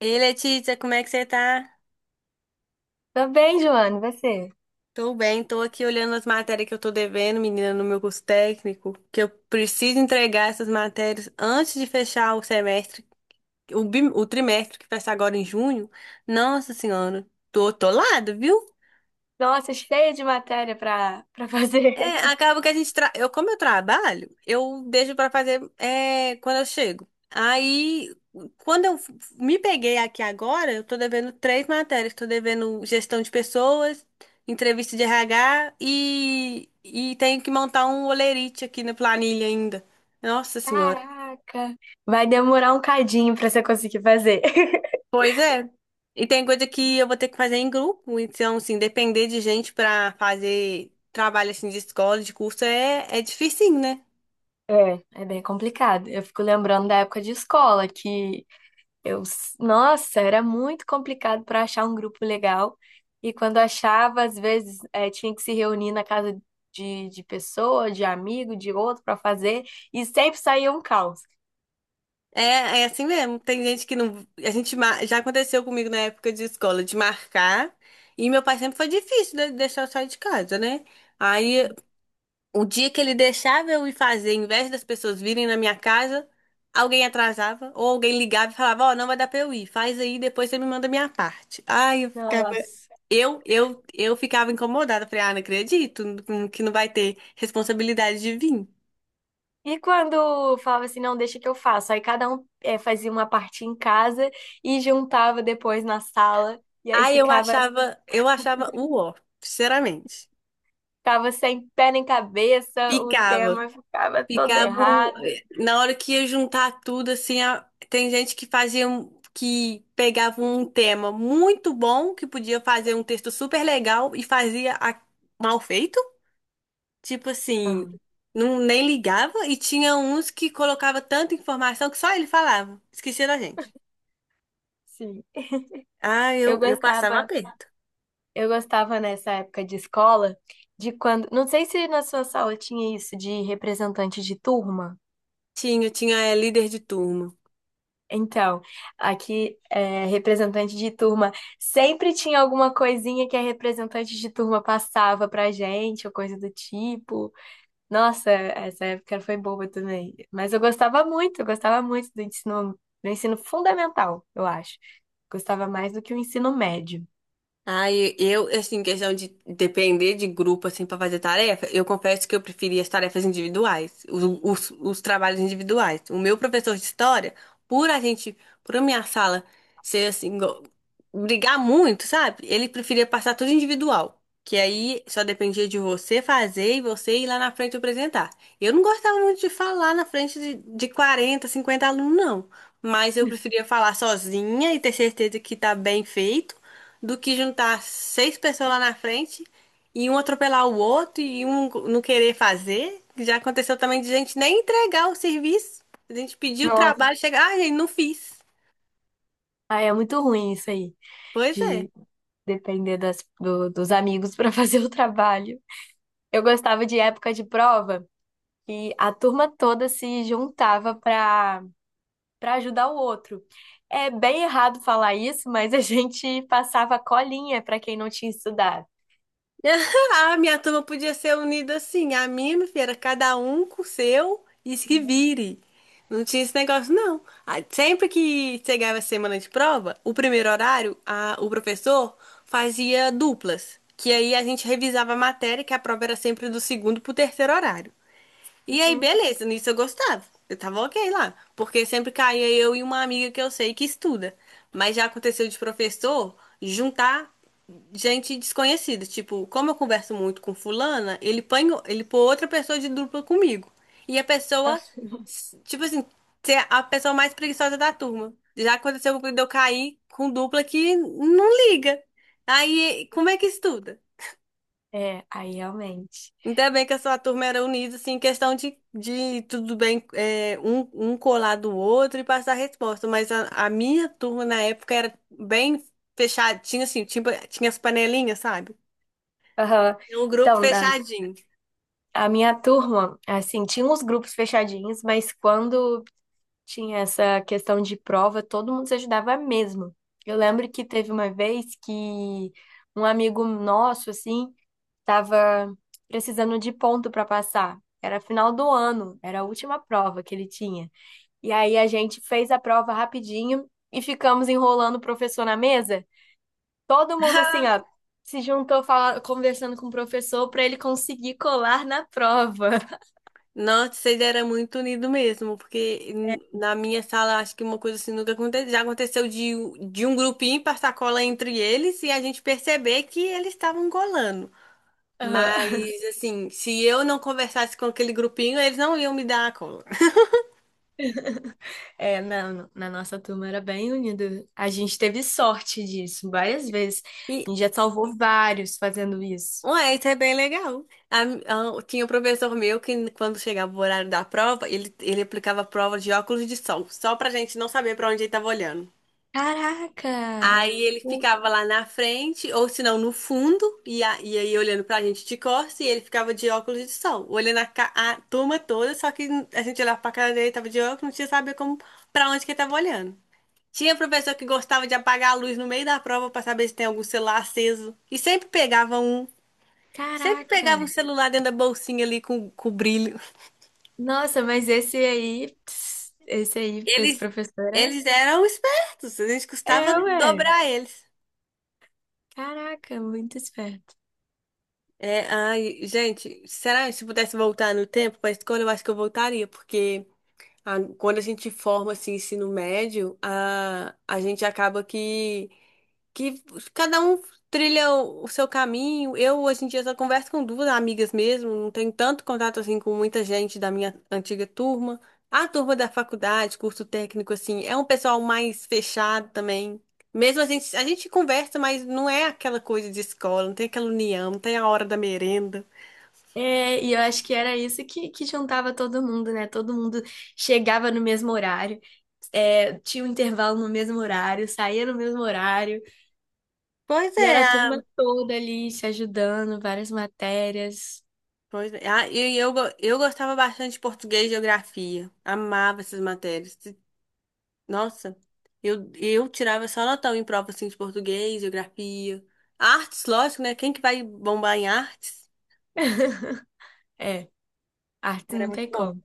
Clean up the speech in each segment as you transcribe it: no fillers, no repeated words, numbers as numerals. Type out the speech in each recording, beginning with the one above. Ei, Letícia, como é que você tá? Tô bem, Joana, e você? Tô bem, tô aqui olhando as matérias que eu tô devendo, menina, no meu curso técnico, que eu preciso entregar essas matérias antes de fechar o semestre, o trimestre que fecha agora em junho. Nossa Senhora, tô atolada, viu? Nossa, cheia de matéria pra fazer. É, acaba que eu como eu trabalho, eu deixo pra fazer é, quando eu chego. Aí, quando me peguei aqui agora, eu tô devendo 3 matérias, tô devendo gestão de pessoas, entrevista de RH e tenho que montar um holerite aqui na planilha ainda. Nossa Senhora. Caraca! Vai demorar um cadinho pra você conseguir fazer. Pois é. E tem coisa que eu vou ter que fazer em grupo, então assim, depender de gente pra fazer trabalho assim de escola, de curso é difícil. É, é bem complicado. Eu fico lembrando da época de escola, que eu, nossa, era muito complicado pra achar um grupo legal. E quando achava, às vezes, tinha que se reunir na casa de pessoa, de amigo, de outro pra fazer, e sempre saía um caos. É, é assim mesmo. Tem gente que não. Já aconteceu comigo na época de escola de marcar. E meu pai sempre foi difícil de deixar eu sair de casa, né? Aí, o dia que ele deixava eu ir fazer, em vez das pessoas virem na minha casa, alguém atrasava ou alguém ligava e falava: Ó, não vai dar pra eu ir, faz aí, depois você me manda a minha parte. Ai, eu ficava. Nossa. Eu ficava incomodada. Falei: Ah, não acredito que não vai ter responsabilidade de vir. E quando falava assim, não, deixa que eu faço. Aí cada um fazia uma parte em casa e juntava depois na sala. E aí Aí ficava, eu achava o ó, sinceramente. ficava sem pé nem cabeça, o Ficava, tema ficava todo ficava um- errado. na hora que ia juntar tudo assim, tem gente que que pegava um tema muito bom, que podia fazer um texto super legal e mal feito, tipo assim, Ah, não nem ligava e tinha uns que colocava tanta informação que só ele falava, esquecia da gente. sim. Ah, Eu eu passava gostava, aperto. eu gostava nessa época de escola, de quando. Não sei se na sua sala tinha isso de representante de turma. Tinha, tinha é, líder de turma. Então, aqui é representante de turma. Sempre tinha alguma coisinha que a representante de turma passava pra gente, ou coisa do tipo. Nossa, essa época foi boa também. Mas eu gostava muito do ensino fundamental, eu acho. Gostava mais do que o ensino médio. Ai, eu, assim, questão de depender de grupo, assim, pra fazer tarefa, eu confesso que eu preferia as tarefas individuais, os trabalhos individuais. O meu professor de história, por a gente, por a minha sala ser, assim, brigar muito, sabe? Ele preferia passar tudo individual, que aí só dependia de você fazer e você ir lá na frente apresentar. Eu não gostava muito de falar na frente de 40, 50 alunos, não. Mas eu preferia falar sozinha e ter certeza que tá bem feito do que juntar 6 pessoas lá na frente e um atropelar o outro e um não querer fazer. Já aconteceu também de gente nem entregar o serviço. A gente pediu o Nossa, trabalho, chegar, ah, gente, não fiz. ah, é muito ruim isso aí, Pois é. de depender das, dos amigos para fazer o trabalho. Eu gostava de época de prova. E a turma toda se juntava para ajudar o outro. É bem errado falar isso, mas a gente passava colinha para quem não tinha estudado. A minha turma podia ser unida assim. A minha filha, era cada um com o seu e se vire. Não tinha esse negócio, não. Ah, sempre que chegava a semana de prova, o primeiro horário, o professor fazia duplas. Que aí a gente revisava a matéria, que a prova era sempre do segundo pro terceiro horário. E aí, Uhum. beleza, nisso eu gostava. Eu tava ok lá. Porque sempre caía eu e uma amiga que eu sei que estuda. Mas já aconteceu de professor juntar gente desconhecida. Tipo, como eu converso muito com fulana, ele põe outra pessoa de dupla comigo. E a pessoa, tipo assim, ser a pessoa mais preguiçosa da turma. Já aconteceu de eu cair com dupla que não liga. Aí, como é que estuda? É, aí realmente. Ainda bem que a sua turma era unida, assim, em questão de tudo bem, é, um colar do outro e passar a resposta. Mas a minha turma na época era bem fechadinha, assim, tinha, tinha as panelinhas, sabe? Aham. Era um grupo Então, na, fechadinho. a minha turma, assim, tinha uns grupos fechadinhos, mas quando tinha essa questão de prova, todo mundo se ajudava mesmo. Eu lembro que teve uma vez que um amigo nosso, assim, tava precisando de ponto para passar. Era final do ano, era a última prova que ele tinha. E aí a gente fez a prova rapidinho e ficamos enrolando o professor na mesa. Todo mundo assim, ó, se juntou conversando com o professor para ele conseguir colar na prova. Nossa, vocês eram muito unidos mesmo, porque na minha sala acho que uma coisa assim nunca aconteceu. Já aconteceu de um grupinho passar cola entre eles e a gente perceber que eles estavam colando. Mas, Aham. assim, se eu não conversasse com aquele grupinho, eles não iam me dar a cola. É, na, na nossa turma era bem unida. A gente teve sorte disso várias vezes. E, A gente já salvou vários fazendo isso. ué, isso é bem legal. Tinha um professor meu que, quando chegava o horário da prova, ele aplicava a prova de óculos de sol, só pra gente não saber pra onde ele tava olhando. Caraca! Aí ele O- ficava lá na frente, ou se não, no fundo, e aí olhando pra gente de costas, e ele ficava de óculos de sol, olhando a, a turma toda, só que a gente olhava pra cara dele, tava de óculos, não tinha saber como, pra onde que ele tava olhando. Tinha professor que gostava de apagar a luz no meio da prova para saber se tem algum celular aceso. E sempre pegava um. Sempre pegava um Caraca! celular dentro da bolsinha ali com brilho. Nossa, mas esse aí, pss, esse aí, esse Eles, professor é, eles eram espertos. A gente é, custava ué. dobrar eles. Caraca, muito esperto. É, ai, gente, será que se pudesse voltar no tempo para a escola, eu acho que eu voltaria, porque quando a gente forma assim, ensino médio, a gente acaba que cada um trilha o seu caminho. Eu, hoje em dia, só converso com 2 amigas mesmo, não tenho tanto contato assim com muita gente da minha antiga turma. A turma da faculdade, curso técnico, assim, é um pessoal mais fechado também. Mesmo a gente conversa, mas não é aquela coisa de escola, não tem aquela união, não tem a hora da merenda. É, e eu acho que era isso que juntava todo mundo, né? Todo mundo chegava no mesmo horário, é, tinha um intervalo no mesmo horário, saía no mesmo horário, Pois e é, era a turma a- toda ali se ajudando, várias matérias. Pois é. E eu, eu gostava bastante de português e geografia. Amava essas matérias. Nossa, eu tirava só notão em prova assim, de português, geografia. Artes, lógico, né? Quem que vai bombar em artes? É, arte Era não muito tem bom. como.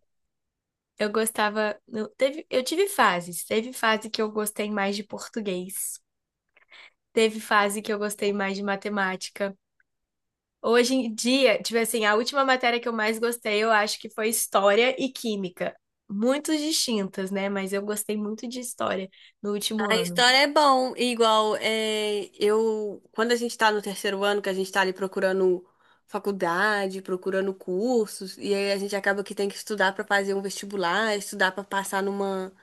Eu gostava. Eu, teve, eu tive fases. Teve fase que eu gostei mais de português, teve fase que eu gostei mais de matemática. Hoje em dia, tipo assim, a última matéria que eu mais gostei, eu acho que foi História e Química. Muito distintas, né? Mas eu gostei muito de História no último A ano. história é bom, igual é, eu quando a gente tá no 3º ano, que a gente tá ali procurando faculdade, procurando cursos, e aí a gente acaba que tem que estudar pra fazer um vestibular, estudar pra passar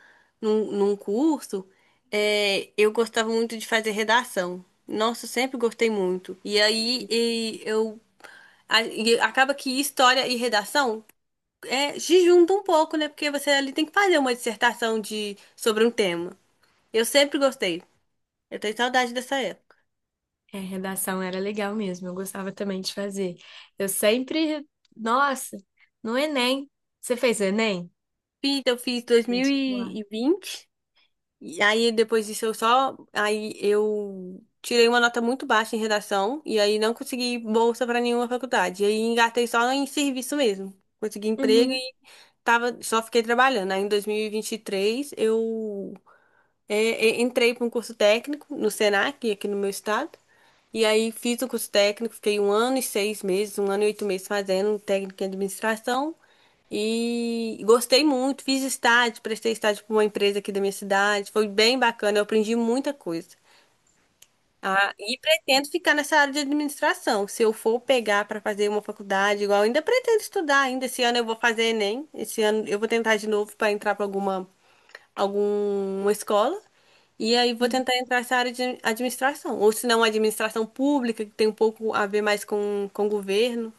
num curso, é, eu gostava muito de fazer redação. Nossa, eu sempre gostei muito. E aí e eu e acaba que história e redação é, se juntam um pouco, né? Porque você ali tem que fazer uma dissertação de, sobre um tema. Eu sempre gostei. Eu tenho saudade dessa época. É, redação era legal mesmo, eu gostava também de fazer. Eu sempre. Nossa, no Enem. Você fez o Enem? Fiz, eu fiz Vestibular. 2020, e aí depois disso eu só. Aí eu tirei uma nota muito baixa em redação, e aí não consegui bolsa para nenhuma faculdade. E aí engatei só em serviço mesmo. Consegui emprego Uhum, e tava, só fiquei trabalhando. Aí em 2023 eu é, entrei para um curso técnico no Senac, aqui no meu estado. E aí fiz o curso técnico, fiquei 1 ano e 6 meses, 1 ano e 8 meses fazendo técnico em administração. E gostei muito, fiz estágio, prestei estágio para uma empresa aqui da minha cidade. Foi bem bacana, eu aprendi muita coisa. Ah, e pretendo ficar nessa área de administração. Se eu for pegar para fazer uma faculdade, igual, ainda pretendo estudar ainda. Esse ano eu vou fazer Enem. Esse ano eu vou tentar de novo para entrar para alguma escola e aí vou uhum. tentar entrar nessa área de administração. Ou se não, administração pública, que tem um pouco a ver mais com governo.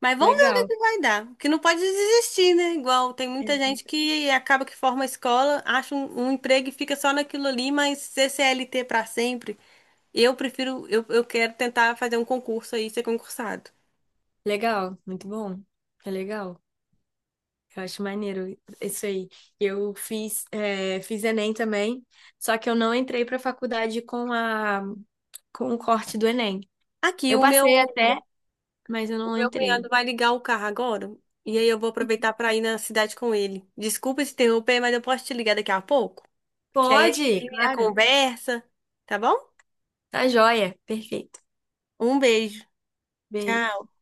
Mas vamos ver o que Legal. que vai dar. Porque não pode desistir, né? Igual tem É. muita gente que acaba que forma a escola, acha um emprego e fica só naquilo ali, mas ser CLT para sempre. Eu prefiro, eu quero tentar fazer um concurso aí, ser concursado. Legal, muito bom. É legal. Eu acho maneiro isso aí. Eu fiz, é, fiz Enem também, só que eu não entrei para a faculdade com a, com o corte do Enem. Aqui, Eu o passei meu. até, mas eu O não meu cunhado entrei. vai ligar o carro agora e aí eu vou aproveitar para ir na cidade com ele. Desculpa se interromper, mas eu posso te ligar daqui a pouco? Que aí a gente Pode, termina a claro. conversa, tá bom? Tá joia. Perfeito. Um beijo. Beijo. Tchau.